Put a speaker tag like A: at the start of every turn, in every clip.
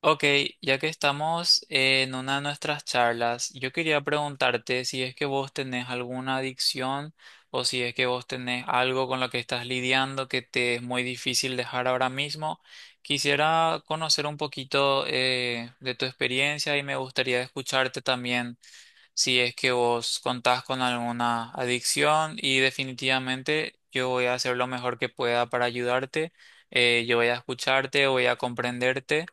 A: Ok, ya que estamos en una de nuestras charlas, yo quería preguntarte si es que vos tenés alguna adicción o si es que vos tenés algo con lo que estás lidiando que te es muy difícil dejar ahora mismo. Quisiera conocer un poquito de tu experiencia y me gustaría escucharte también si es que vos contás con alguna adicción y definitivamente yo voy a hacer lo mejor que pueda para ayudarte. Yo voy a escucharte, voy a comprenderte,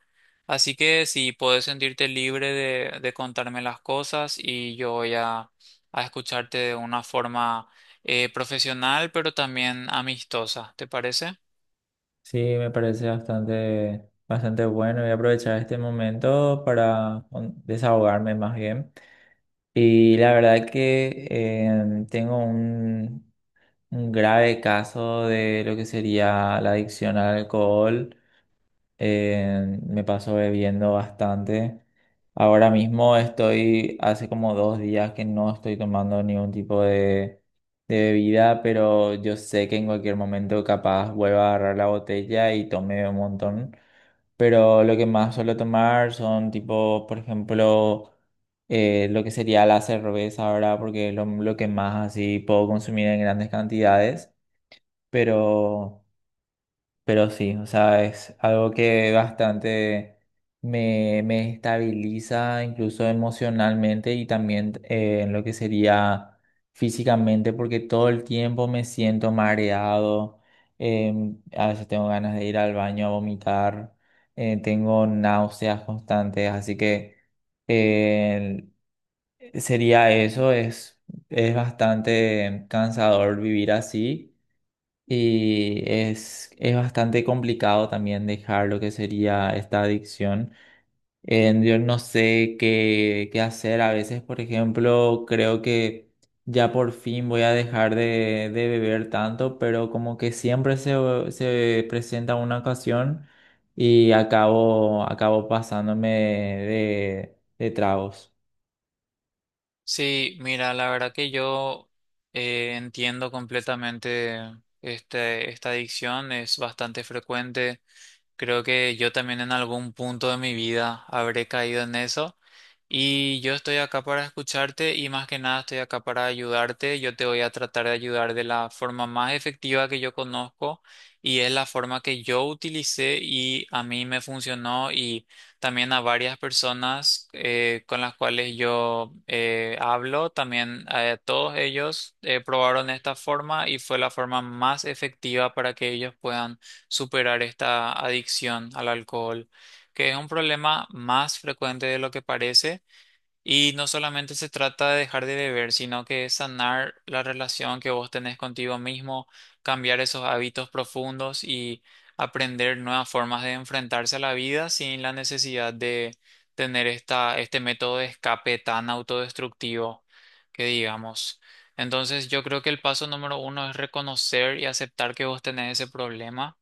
A: así que si puedes sentirte libre de contarme las cosas y yo voy a escucharte de una forma profesional, pero también amistosa, ¿te parece?
B: Sí, me parece bastante bueno. Voy a aprovechar este momento para desahogarme más bien. Y la verdad que tengo un grave caso de lo que sería la adicción al alcohol. Me paso bebiendo bastante. Ahora mismo estoy, hace como dos días que no estoy tomando ningún de bebida, pero yo sé que en cualquier momento capaz vuelva a agarrar la botella y tome un montón. Pero lo que más suelo tomar son tipo, por ejemplo, lo que sería la cerveza ahora, porque es lo que más así puedo consumir en grandes cantidades. Pero... Pero sí, o sea, es algo que bastante me estabiliza incluso emocionalmente y también en lo que sería físicamente, porque todo el tiempo me siento mareado, eh, a veces tengo ganas de ir al baño a vomitar, tengo náuseas constantes, así que eh, sería eso, es bastante cansador vivir así. Y es bastante complicado también dejar lo que sería esta adicción. Yo no sé qué hacer. A veces, por ejemplo, creo que ya por fin voy a dejar de beber tanto, pero como que siempre se presenta una ocasión y acabo pasándome de tragos.
A: Sí, mira, la verdad que yo entiendo completamente esta adicción, es bastante frecuente. Creo que yo también en algún punto de mi vida habré caído en eso y yo estoy acá para escucharte y más que nada estoy acá para ayudarte. Yo te voy a tratar de ayudar de la forma más efectiva que yo conozco, y es la forma que yo utilicé y a mí me funcionó, y también a varias personas con las cuales yo hablo, también a todos ellos probaron esta forma y fue la forma más efectiva para que ellos puedan superar esta adicción al alcohol, que es un problema más frecuente de lo que parece. Y no solamente se trata de dejar de beber, sino que es sanar la relación que vos tenés contigo mismo, cambiar esos hábitos profundos y aprender nuevas formas de enfrentarse a la vida sin la necesidad de tener este método de escape tan autodestructivo, que digamos. Entonces yo creo que el paso número uno es reconocer y aceptar que vos tenés ese problema,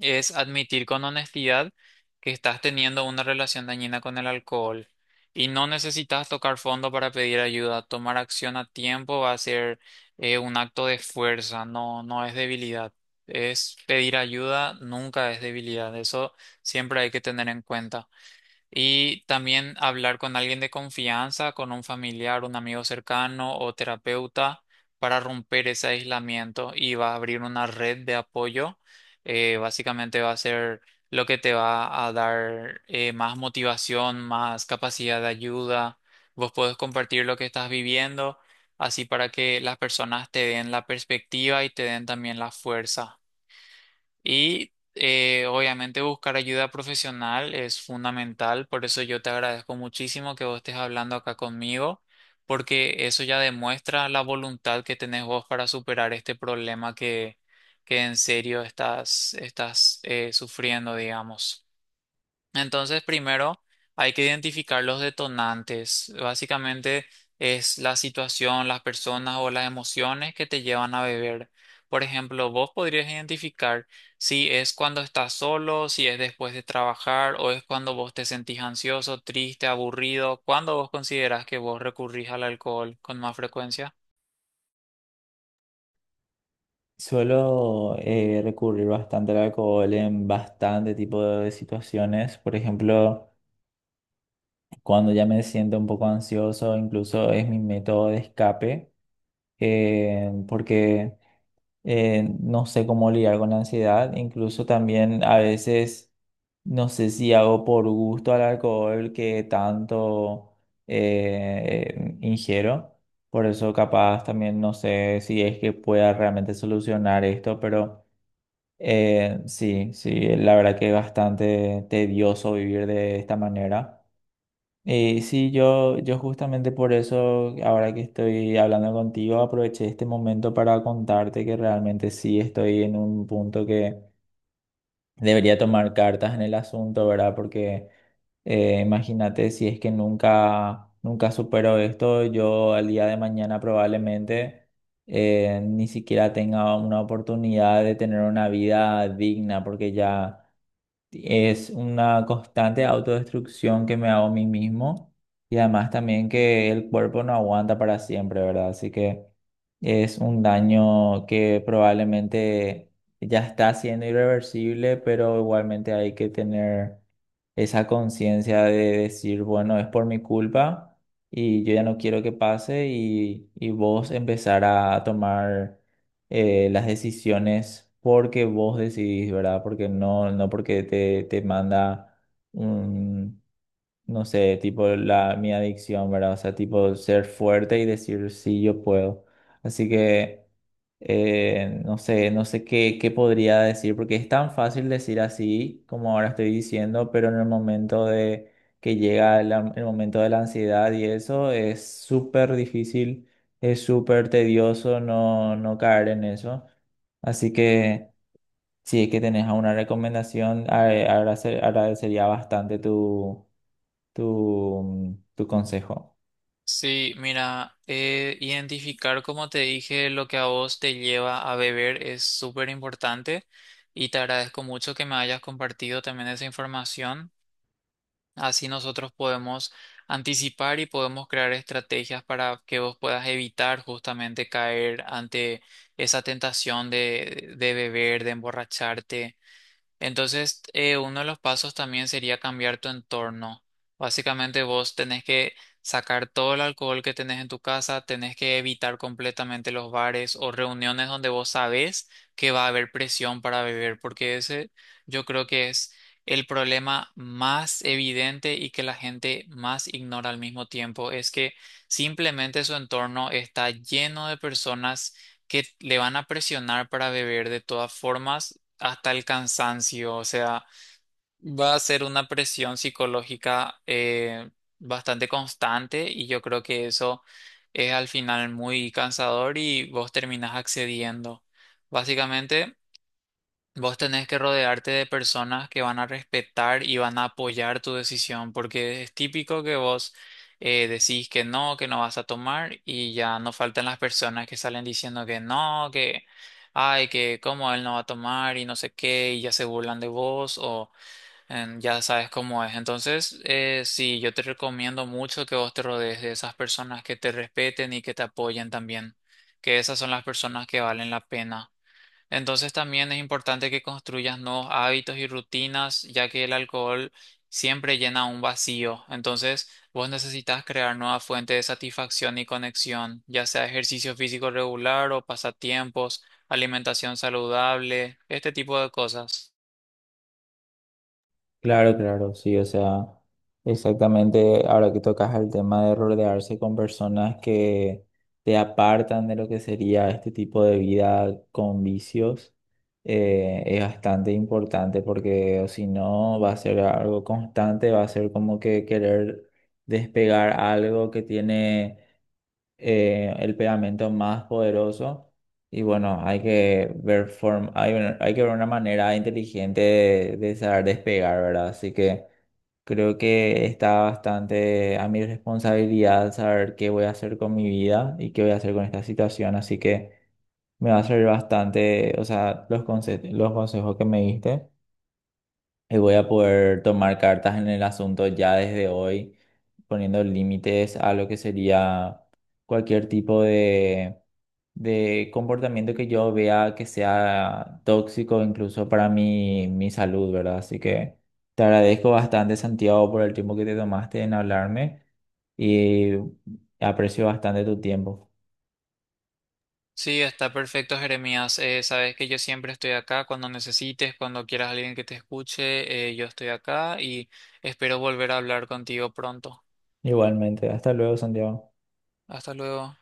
A: es admitir con honestidad que estás teniendo una relación dañina con el alcohol y no necesitas tocar fondo para pedir ayuda. Tomar acción a tiempo va a ser un acto de fuerza, no, no es debilidad. Es pedir ayuda, nunca es debilidad. Eso siempre hay que tener en cuenta. Y también hablar con alguien de confianza, con un familiar, un amigo cercano o terapeuta, para romper ese aislamiento y va a abrir una red de apoyo. Básicamente va a ser lo que te va a dar más motivación, más capacidad de ayuda. Vos podés compartir lo que estás viviendo, así para que las personas te den la perspectiva y te den también la fuerza. Y obviamente buscar ayuda profesional es fundamental, por eso yo te agradezco muchísimo que vos estés hablando acá conmigo, porque eso ya demuestra la voluntad que tenés vos para superar este problema, que en serio estás, estás sufriendo, digamos. Entonces, primero hay que identificar los detonantes. Básicamente es la situación, las personas o las emociones que te llevan a beber. Por ejemplo, vos podrías identificar si es cuando estás solo, si es después de trabajar o es cuando vos te sentís ansioso, triste, aburrido, cuando vos considerás que vos recurrís al alcohol con más frecuencia.
B: Suelo recurrir bastante al alcohol en bastante tipo de situaciones. Por ejemplo, cuando ya me siento un poco ansioso, incluso es mi método de escape, porque no sé cómo lidiar con la ansiedad. Incluso también a veces, no sé si hago por gusto al alcohol que tanto ingiero. Por eso capaz también no sé si es que pueda realmente solucionar esto, pero sí, sí, la verdad que es bastante tedioso vivir de esta manera. Sí, yo justamente por eso, ahora que estoy hablando contigo, aproveché este momento para contarte que realmente sí estoy en un punto que debería tomar cartas en el asunto, ¿verdad? Porque imagínate si es que nunca supero esto, yo al día de mañana probablemente ni siquiera tenga una oportunidad de tener una vida digna, porque ya... Es una constante autodestrucción que me hago a mí mismo y además también que el cuerpo no aguanta para siempre, ¿verdad? Así que es un daño que probablemente ya está siendo irreversible, pero igualmente hay que tener esa conciencia de decir, bueno, es por mi culpa y yo ya no quiero que pase y vos empezar a tomar las decisiones porque vos decidís, ¿verdad? Porque no, no porque te manda no sé, tipo mi adicción, ¿verdad? O sea, tipo ser fuerte y decir, sí, yo puedo. Así que, no sé, no sé qué podría decir, porque es tan fácil decir así como ahora estoy diciendo, pero en el momento de que llega el momento de la ansiedad y eso es súper difícil, es súper tedioso no caer en eso. Así que, si es que tenés alguna recomendación, agradecería bastante tu consejo.
A: Sí, mira, identificar, como te dije, lo que a vos te lleva a beber es súper importante, y te agradezco mucho que me hayas compartido también esa información. Así nosotros podemos anticipar y podemos crear estrategias para que vos puedas evitar justamente caer ante esa tentación de beber, de emborracharte. Entonces, uno de los pasos también sería cambiar tu entorno. Básicamente vos tenés que sacar todo el alcohol que tenés en tu casa, tenés que evitar completamente los bares o reuniones donde vos sabés que va a haber presión para beber, porque ese yo creo que es el problema más evidente y que la gente más ignora al mismo tiempo, es que simplemente su entorno está lleno de personas que le van a presionar para beber de todas formas hasta el cansancio, o sea, va a ser una presión psicológica bastante constante, y yo creo que eso es al final muy cansador y vos terminás accediendo. Básicamente, vos tenés que rodearte de personas que van a respetar y van a apoyar tu decisión, porque es típico que vos decís que no vas a tomar, y ya no faltan las personas que salen diciendo que no, que, ay, que cómo él no va a tomar y no sé qué, y ya se burlan de vos o ya sabes cómo es. Entonces, sí, yo te recomiendo mucho que vos te rodees de esas personas que te respeten y que te apoyen también, que esas son las personas que valen la pena. Entonces también es importante que construyas nuevos hábitos y rutinas, ya que el alcohol siempre llena un vacío. Entonces vos necesitas crear nueva fuente de satisfacción y conexión, ya sea ejercicio físico regular o pasatiempos, alimentación saludable, este tipo de cosas.
B: Claro, claro, sí, o sea, exactamente ahora que tocas el tema de rodearse con personas que te apartan de lo que sería este tipo de vida con vicios, es bastante importante porque o si no va a ser algo constante, va a ser como que querer despegar algo que tiene el pegamento más poderoso. Y bueno, hay que ver una manera inteligente de saber despegar, ¿verdad? Así que creo que está bastante a mi responsabilidad saber qué voy a hacer con mi vida y qué voy a hacer con esta situación. Así que me va a servir bastante, o sea, los los consejos que me diste. Y voy a poder tomar cartas en el asunto ya desde hoy, poniendo límites a lo que sería cualquier de comportamiento que yo vea que sea tóxico, incluso para mi salud, ¿verdad? Así que te agradezco bastante, Santiago, por el tiempo que te tomaste en hablarme y aprecio bastante tu tiempo.
A: Sí, está perfecto, Jeremías. Sabes que yo siempre estoy acá cuando necesites, cuando quieras alguien que te escuche. Yo estoy acá y espero volver a hablar contigo pronto.
B: Igualmente, hasta luego, Santiago.
A: Hasta luego.